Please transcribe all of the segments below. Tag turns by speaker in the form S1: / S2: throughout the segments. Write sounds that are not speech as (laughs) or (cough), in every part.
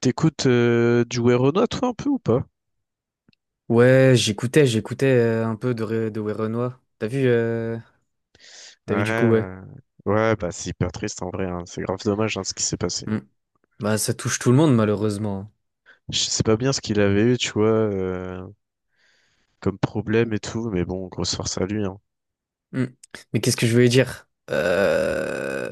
S1: T'écoutes du Werenoi, toi, un peu ou pas?
S2: Ouais, j'écoutais, j'écoutais un peu de Werenoi. T'as vu
S1: Ouais,
S2: du coup, ouais.
S1: ouais, bah c'est hyper triste en vrai, hein. C'est grave dommage hein, ce qui s'est passé.
S2: Mm. Bah, ça touche tout le monde, malheureusement.
S1: Je sais pas bien ce qu'il avait eu, tu vois, comme problème et tout, mais bon, grosse force à lui, hein.
S2: Mm. Mais qu'est-ce que je voulais dire?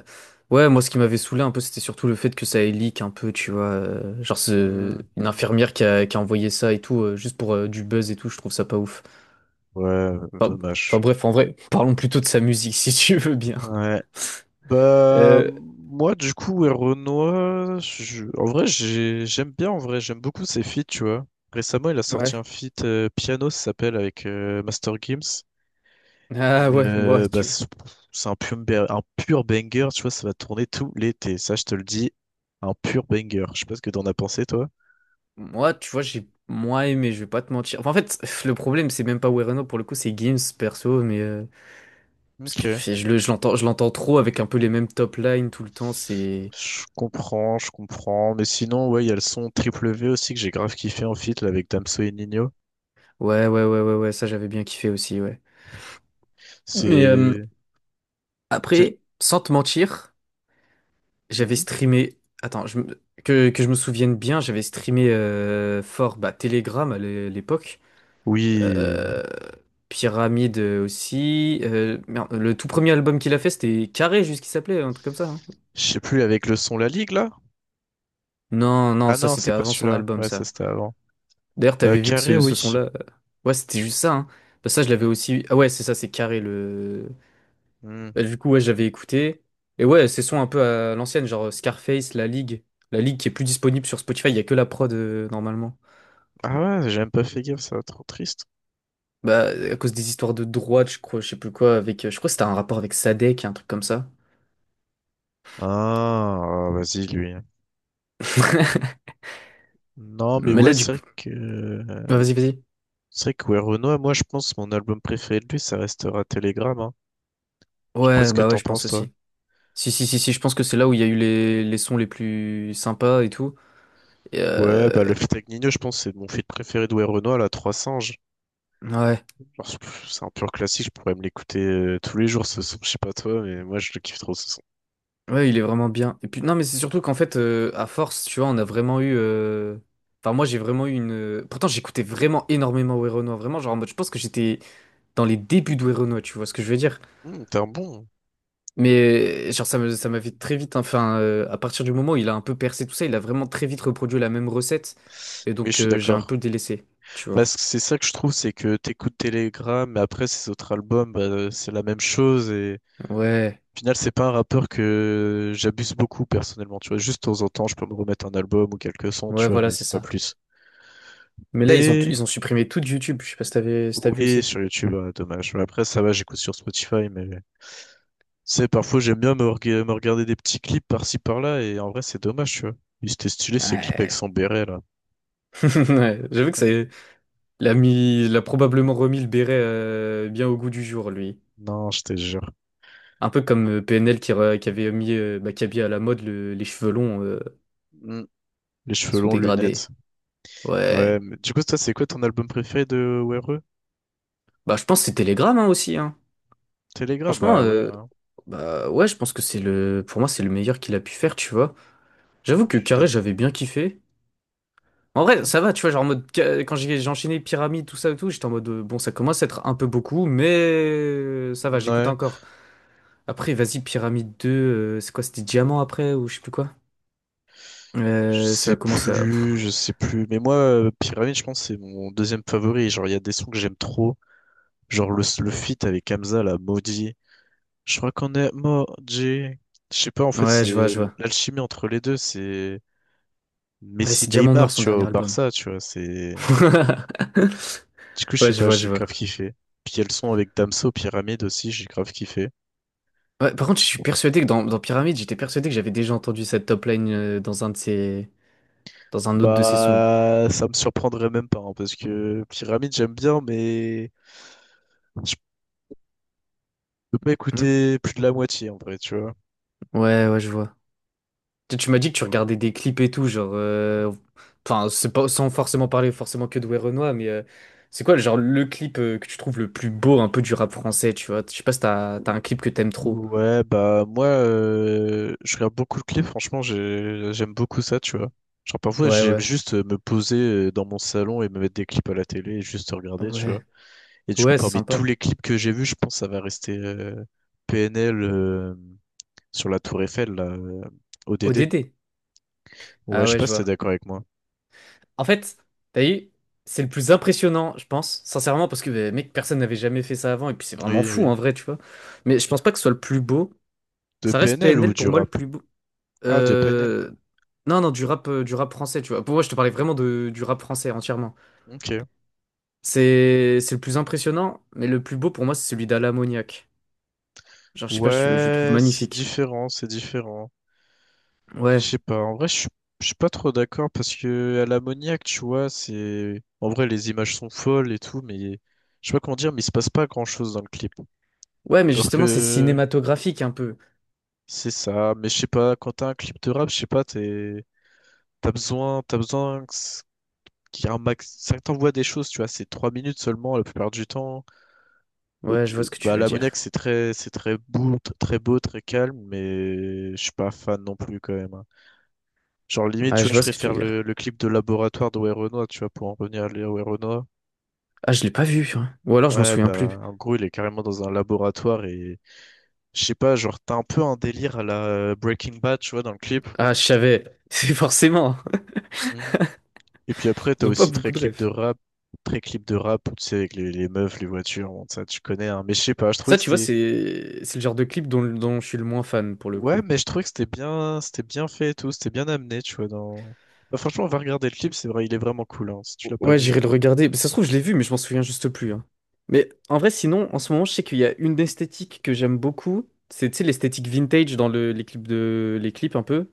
S2: Ouais, moi, ce qui m'avait saoulé un peu, c'était surtout le fait que ça ait leak un peu, tu vois. Genre,
S1: Hmm.
S2: une infirmière qui a envoyé ça et tout, juste pour du buzz et tout, je trouve ça pas ouf.
S1: Ouais,
S2: Enfin, enfin,
S1: dommage.
S2: bref, en vrai, parlons plutôt de sa musique, (laughs) si tu veux bien.
S1: Ouais. Bah,
S2: Euh...
S1: moi, du coup, Werenoi, en vrai, j'aime bien, en vrai, j'aime beaucoup ses feats, tu vois. Récemment, il a sorti
S2: Ouais.
S1: un feat piano, ça s'appelle, avec Master Gims.
S2: Ah ouais, bon,
S1: Bah,
S2: tu...
S1: c'est un pur, un pur banger, tu vois, ça va tourner tout l'été, ça je te le dis, un pur banger. Je sais pas ce que t'en as pensé, toi.
S2: Moi, tu vois, j'ai moins aimé, je vais pas te mentir. Enfin, en fait, (laughs) le problème, c'est même pas Wereno pour le coup, c'est Gims perso, mais parce
S1: Ok.
S2: que je l'entends trop avec un peu les mêmes top lines tout le temps. C'est
S1: Je comprends, je comprends. Mais sinon, ouais, il y a le son Triple V aussi que j'ai grave kiffé en feat là, avec Damso et Nino.
S2: ouais, ça j'avais bien kiffé aussi, ouais. Mais
S1: C'est. c'est le-
S2: après, sans te mentir, j'avais
S1: Mhm.
S2: streamé. Attends, que je me souvienne bien, j'avais streamé fort bah, Telegram à l'époque.
S1: Oui.
S2: Euh, Pyramide aussi. Merde, le tout premier album qu'il a fait, c'était Carré, juste qu'il s'appelait, un truc comme ça, hein.
S1: Je sais plus, avec le son La Ligue là?
S2: Non, non,
S1: Ah
S2: ça
S1: non,
S2: c'était
S1: c'est pas
S2: avant son
S1: celui-là.
S2: album,
S1: Ouais, ça
S2: ça.
S1: c'était avant.
S2: D'ailleurs, t'avais vu que
S1: Carré,
S2: ce
S1: oui.
S2: son-là. Ouais, c'était juste ça, hein. Bah, ça, je l'avais
S1: Mm.
S2: aussi. Ah ouais, c'est ça, c'est carré le.
S1: Mm.
S2: Bah, du coup, ouais, j'avais écouté. Et ouais, ces sons un peu à l'ancienne, genre Scarface, La Ligue. La Ligue qui est plus disponible sur Spotify, il y a que la prod normalement.
S1: Ah ouais, j'ai même pas fait gaffe, ça va trop triste.
S2: Bah, à cause des histoires de droite, je crois, je sais plus quoi, avec. Je crois que c'était un rapport avec Sadek, un truc comme ça.
S1: Ah, ah, vas-y, lui.
S2: (laughs)
S1: Non, mais
S2: Mais
S1: ouais,
S2: là, du
S1: c'est
S2: coup.
S1: vrai que
S2: Ah,
S1: euh,
S2: vas-y.
S1: c'est vrai que ouais, Renoir, moi je pense mon album préféré de lui, ça restera Telegram. Hein. Je sais pas ce
S2: Ouais,
S1: que
S2: bah ouais,
S1: t'en
S2: je pense
S1: penses toi.
S2: aussi. Si, je pense que c'est là où il y a eu les sons les plus sympas et tout.
S1: Ouais, bah le feat avec Nino, je pense c'est mon feat préféré de ouais, Renoir, la 3 singes.
S2: Ouais,
S1: Alors, c'est un pur classique, je pourrais me l'écouter tous les jours ce son, je sais pas toi, mais moi je le kiffe trop ce son.
S2: ouais, il est vraiment bien. Et puis non, mais c'est surtout qu'en fait, à force, tu vois, on a vraiment eu. Enfin, moi, j'ai vraiment eu une. Pourtant, j'écoutais vraiment énormément Werenoi, vraiment, genre en mode, je pense que j'étais dans les débuts de Werenoi, tu vois ce que je veux dire.
S1: T'es un bon.
S2: Mais genre, ça m'a fait très vite, hein. Enfin, à partir du moment où il a un peu percé tout ça, il a vraiment très vite reproduit la même recette. Et
S1: Oui, je
S2: donc,
S1: suis
S2: j'ai un
S1: d'accord.
S2: peu délaissé, tu vois.
S1: Bah, c'est ça que je trouve, c'est que t'écoutes Telegram, mais après ces autres albums, bah, c'est la même chose et
S2: Ouais,
S1: au final, c'est pas un rappeur que j'abuse beaucoup personnellement, tu vois. Juste de temps en temps, je peux me remettre un album ou quelques sons, tu
S2: ouais,
S1: vois,
S2: voilà,
S1: mais
S2: c'est
S1: c'est pas
S2: ça.
S1: plus.
S2: Mais là,
S1: Mais
S2: ils ont supprimé tout de YouTube. Je sais pas si t'avais, si t'as vu
S1: oui,
S2: aussi.
S1: sur YouTube, ah, dommage. Mais après, ça va, j'écoute sur Spotify, mais c'est parfois j'aime bien me regarder des petits clips par-ci par-là, et en vrai, c'est dommage, tu vois. Il était stylé ces clips avec
S2: Ouais.
S1: son béret là.
S2: (laughs) Ouais, j'avoue que ça.
S1: (laughs)
S2: Il a mis, il a probablement remis le béret bien au goût du jour, lui.
S1: Non, je te jure.
S2: Un peu comme PNL qui avait mis Maccabi à la mode les cheveux longs
S1: Mm. Les cheveux
S2: sous
S1: longs, lunettes.
S2: dégradés.
S1: Ouais,
S2: Ouais.
S1: mais du coup, toi, c'est quoi ton album préféré de WRE?
S2: Bah, je pense que c'est Telegram hein, aussi. Hein.
S1: Telegram?
S2: Franchement,
S1: Bah ouais, hein.
S2: bah ouais, je pense que c'est le, pour moi, c'est le meilleur qu'il a pu faire, tu vois. J'avoue
S1: Je
S2: que
S1: suis
S2: Carré,
S1: d'accord.
S2: j'avais bien kiffé. En vrai,
S1: Mm.
S2: ça va, tu vois, genre en mode quand j'ai enchaîné pyramide, tout ça et tout, j'étais en mode bon, ça commence à être un peu beaucoup, mais ça va, j'écoute
S1: Ouais.
S2: encore. Après, vas-y, pyramide 2 c'est quoi, c'était diamant après ou je sais plus quoi.
S1: Je
S2: Ça
S1: sais
S2: a commencé à...
S1: plus,
S2: pff.
S1: je sais plus. Mais moi, Pyramide, je pense que c'est mon deuxième favori. Genre, il y a des sons que j'aime trop. Genre, le feat avec Hamza, la maudit. Je crois qu'on est maudit. Je sais pas, en fait, c'est
S2: Je vois.
S1: l'alchimie entre les deux. C'est
S2: Ouais, c'est Diamant
S1: Messi-Neymar,
S2: Noir, son
S1: tu vois,
S2: dernier
S1: au
S2: album.
S1: Barça, tu vois. C'est...
S2: (laughs)
S1: Du coup, je sais pas, j'ai
S2: Je vois.
S1: grave kiffé. Puis, il y a le son avec Damso, Pyramide aussi, j'ai grave kiffé.
S2: Ouais, par contre, je suis persuadé que dans Pyramide, j'étais persuadé que j'avais déjà entendu cette top line dans un de ses... dans un autre de ses sons.
S1: Bah, ça me surprendrait même pas, hein, parce que Pyramide, j'aime bien, mais je peux pas
S2: Hmm.
S1: écouter plus de la moitié, en vrai, tu vois.
S2: Ouais, je vois. Tu m'as dit que tu regardais des clips et tout, genre... Enfin, c'est pas sans forcément parler forcément que de Werenoi, mais c'est quoi, genre, le clip que tu trouves le plus beau un peu du rap français, tu vois? Je sais pas si t'as, t'as un clip que t'aimes trop.
S1: Ouais, bah moi, je regarde beaucoup de clips, franchement, j'aime beaucoup ça, tu vois. Genre parfois,
S2: Ouais,
S1: j'aime
S2: ouais.
S1: juste me poser dans mon salon et me mettre des clips à la télé et juste regarder, tu vois.
S2: Ouais.
S1: Et du coup,
S2: Ouais, c'est
S1: parmi tous
S2: sympa.
S1: les clips que j'ai vus, je pense que ça va rester PNL sur la tour Eiffel, là, ODD.
S2: ODD.
S1: Ouais,
S2: Ah
S1: je sais
S2: ouais,
S1: pas
S2: je
S1: si t'es
S2: vois.
S1: d'accord avec moi.
S2: En fait, t'as vu, c'est le plus impressionnant, je pense, sincèrement, parce que, bah, mec, personne n'avait jamais fait ça avant, et puis c'est vraiment
S1: Oui,
S2: fou,
S1: oui.
S2: en vrai, tu vois. Mais je pense pas que ce soit le plus beau.
S1: De
S2: Ça reste
S1: PNL ou
S2: PNL,
S1: du
S2: pour moi, le
S1: rap?
S2: plus beau.
S1: Ah, de PNL.
S2: Euh... Non, non, du rap français, tu vois. Pour moi, je te parlais vraiment de, du rap français entièrement.
S1: Ok.
S2: C'est le plus impressionnant, mais le plus beau, pour moi, c'est celui d'Ala Mouniac. Genre, je sais pas, je le trouve
S1: Ouais, c'est
S2: magnifique.
S1: différent, c'est différent. Je
S2: Ouais.
S1: sais pas, en vrai, je suis pas trop d'accord parce que à l'ammoniaque, tu vois, c'est. En vrai, les images sont folles et tout, mais je sais pas comment dire, mais il se passe pas grand-chose dans le clip.
S2: Ouais, mais
S1: Alors
S2: justement, c'est
S1: que
S2: cinématographique, un peu.
S1: c'est ça, mais je sais pas, quand t'as un clip de rap, je sais pas, t'es... t'as besoin que qu'il y ait un max. Ça t'envoie des choses, tu vois, c'est 3 minutes seulement la plupart du temps. Au-
S2: Ouais, je vois ce que tu
S1: Bah, à
S2: veux
S1: l'ammoniaque,
S2: dire.
S1: c'est très beau, très beau, très calme, mais je suis pas fan non plus quand même. Hein. Genre limite, tu
S2: Ouais,
S1: vois,
S2: je
S1: je
S2: vois ce que tu
S1: préfère
S2: veux dire.
S1: le clip de laboratoire de Werenoi, tu vois, pour en revenir à Léo Werenoi.
S2: Ah, je l'ai pas vu, hein. Ou alors, je m'en
S1: Ouais,
S2: souviens plus.
S1: bah, en gros, il est carrément dans un laboratoire et je sais pas, genre, t'as un peu un délire à la Breaking Bad, tu vois, dans le clip.
S2: Ah, je savais. (laughs) C'est forcément.
S1: Mhm. Et puis après, t'as
S2: Ils ont pas
S1: aussi très
S2: beaucoup de
S1: clip de
S2: refs.
S1: rap, très clip de rap, tu sais, avec les meufs, les voitures, bon, ça, tu connais, hein. Mais je sais pas, je trouvais
S2: Ça,
S1: que
S2: tu vois,
S1: c'était,
S2: c'est le genre de clip dont je suis le moins fan pour le
S1: ouais,
S2: coup.
S1: mais je trouvais que c'était bien fait et tout, c'était bien amené, tu vois, dans, bah, franchement, on va regarder le clip, c'est vrai, il est vraiment cool, hein, si tu l'as pas
S2: Ouais,
S1: vu.
S2: j'irai le regarder. Mais ça se trouve, je l'ai vu, mais je m'en souviens juste plus, hein. Mais en vrai, sinon, en ce moment, je sais qu'il y a une esthétique que j'aime beaucoup. C'est, tu sais, l'esthétique vintage dans les clips de, les clips un peu.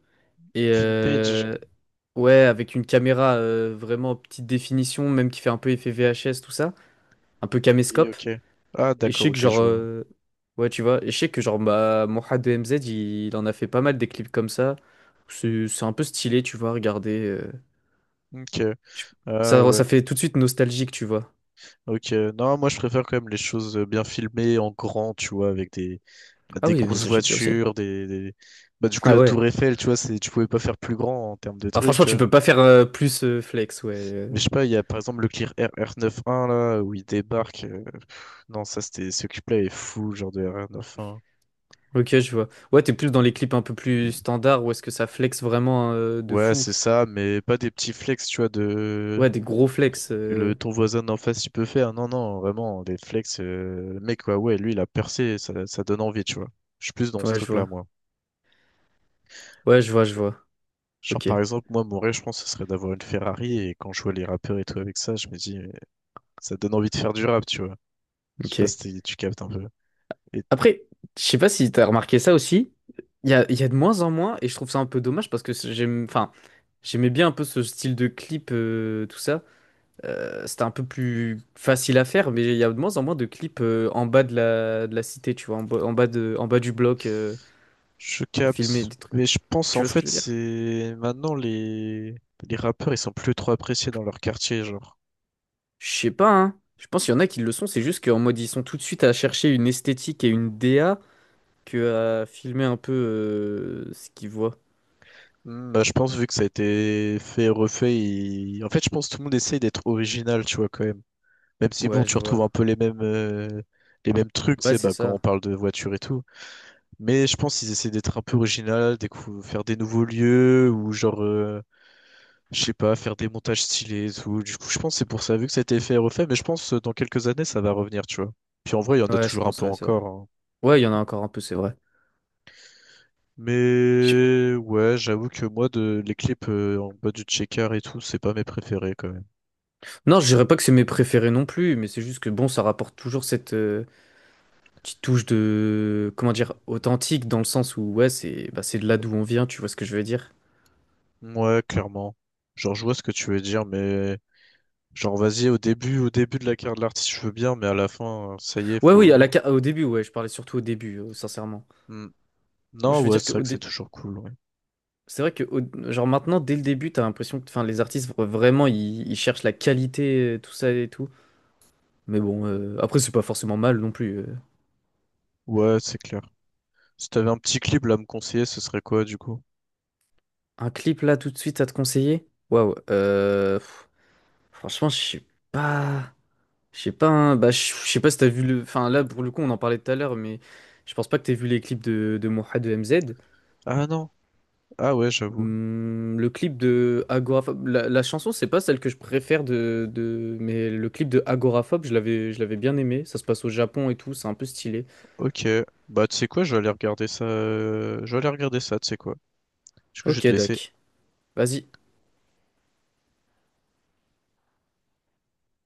S2: Et
S1: Vintage?
S2: ouais, avec une caméra vraiment petite définition, même qui fait un peu effet VHS, tout ça. Un peu
S1: Oui,
S2: caméscope.
S1: ok. Ah,
S2: Et je
S1: d'accord,
S2: sais que
S1: ok,
S2: genre.
S1: je vois.
S2: Ouais, tu vois. Et je sais que genre bah, Mohad de MZ, il en a fait pas mal des clips comme ça. C'est un peu stylé, tu vois, regardez.
S1: Ok,
S2: Je-
S1: ah
S2: Ça,
S1: ouais,
S2: ça fait tout de suite nostalgique, tu vois.
S1: ok. Non, moi je préfère quand même les choses bien filmées en grand, tu vois, avec des, bah,
S2: Ah
S1: des
S2: oui, mais
S1: grosses
S2: ça j'aime bien aussi.
S1: voitures, des. Bah, du coup,
S2: Ah
S1: la
S2: ouais.
S1: Tour Eiffel, tu vois, c'est... tu pouvais pas faire plus grand en termes de
S2: Ah,
S1: trucs,
S2: franchement,
S1: tu
S2: tu
S1: vois.
S2: peux pas faire plus flex, ouais.
S1: Mais je sais pas, il y a par exemple le Clear R r 91 là, où il débarque. Non, ça c'était. Ce clip-là est fou, genre de r 91.
S2: Ok, je vois. Ouais, t'es plus dans les clips un peu plus standards, où est-ce que ça flex vraiment de
S1: Ouais,
S2: fou?
S1: c'est ça, mais pas des petits flex, tu vois, de.
S2: Ouais, des gros flex.
S1: Que le... ton voisin d'en face, il peut faire. Non, non, vraiment, des flex. Le mec, ouais, ouais, lui, il a percé, ça donne envie, tu vois. Je suis plus dans ce
S2: Ouais, je
S1: truc-là,
S2: vois.
S1: moi.
S2: Je vois.
S1: Genre,
S2: Ok,
S1: par exemple, moi, mon rêve, je pense, ce serait d'avoir une Ferrari. Et quand je vois les rappeurs et tout avec ça, je me dis, mais ça donne envie de faire du rap, tu vois. Je sais pas
S2: ok.
S1: si tu captes un peu. Et
S2: Après, je sais pas si t'as remarqué ça aussi. Il y a de moins en moins, et je trouve ça un peu dommage parce que j'aime, enfin, j'aimais bien un peu ce style de clip, tout ça. C'était un peu plus facile à faire, mais il y a de moins en moins de clips en bas de de la cité, tu vois, en bas du bloc
S1: je
S2: à filmer
S1: capte.
S2: des trucs.
S1: Mais je pense,
S2: Tu
S1: en
S2: vois ce que je
S1: fait,
S2: veux dire?
S1: c'est maintenant les rappeurs, ils sont plus trop appréciés dans leur quartier, genre.
S2: Je sais pas, hein. Je pense qu'il y en a qui le sont, c'est juste qu'en mode ils sont tout de suite à chercher une esthétique et une DA que à filmer un peu ce qu'ils voient.
S1: Hmm, bah, je pense, vu que ça a été fait refait, en fait, je pense que tout le monde essaye d'être original, tu vois, quand même. Même si, bon,
S2: Ouais,
S1: tu
S2: je
S1: retrouves
S2: vois.
S1: un peu les mêmes trucs, tu
S2: Ouais,
S1: sais,
S2: c'est
S1: bah, quand on
S2: ça.
S1: parle de voiture et tout. Mais je pense qu'ils essaient d'être un peu original, faire des nouveaux lieux, ou genre, je sais pas, faire des montages stylés et tout. Du coup, je pense que c'est pour ça, vu que ça a été fait et refait, mais je pense dans quelques années, ça va revenir, tu vois. Puis en vrai, il y en a
S2: Ouais, je
S1: toujours un
S2: pense,
S1: peu
S2: ouais, c'est vrai.
S1: encore, hein.
S2: Ouais, il y en a encore un peu, c'est vrai. Je-
S1: Mais ouais, j'avoue que moi, de... les clips en bas du checker et tout, c'est pas mes préférés, quand même.
S2: Non, je dirais pas que c'est mes préférés non plus, mais c'est juste que bon, ça rapporte toujours cette petite touche de, comment dire, authentique dans le sens où ouais, c'est bah, c'est de là d'où on vient, tu vois ce que je veux dire?
S1: Ouais, clairement. Genre, je vois ce que tu veux dire, mais genre, vas-y, au début de la carrière de l'artiste, je veux bien, mais à la fin, ça y est,
S2: Ouais, oui,
S1: faut.
S2: au début, ouais, je parlais surtout au début, sincèrement.
S1: Hmm.
S2: Moi,
S1: Non,
S2: je veux
S1: ouais,
S2: dire
S1: c'est
S2: que
S1: vrai
S2: au
S1: que c'est
S2: dé-
S1: toujours cool, ouais.
S2: c'est vrai que au- genre maintenant, dès le début, t'as l'impression que, enfin, les artistes vraiment, ils cherchent la qualité, tout ça et tout. Mais bon,
S1: Hmm.
S2: après, c'est pas forcément mal non plus.
S1: Ouais, c'est clair. Si t'avais un petit clip là, à me conseiller, ce serait quoi, du coup?
S2: Un clip là, tout de suite, à te conseiller? Waouh, pff, franchement, je sais pas. Je sais pas, hein, bah, je sais pas si t'as vu le. Enfin, là, pour le coup, on en parlait tout à l'heure, mais je pense pas que t'aies vu les clips de Moha de MZ.
S1: Ah non. Ah ouais, j'avoue.
S2: Le clip de Agoraphobe. La chanson, c'est pas celle que je préfère de. Mais le clip de Agoraphobe, je l'avais bien aimé. Ça se passe au Japon et tout, c'est un peu stylé.
S1: Ok. Bah, tu sais quoi, je vais aller regarder ça. Je vais aller regarder ça, tu sais quoi. Du coup, je vais
S2: Ok,
S1: te laisser.
S2: Doc. Vas-y.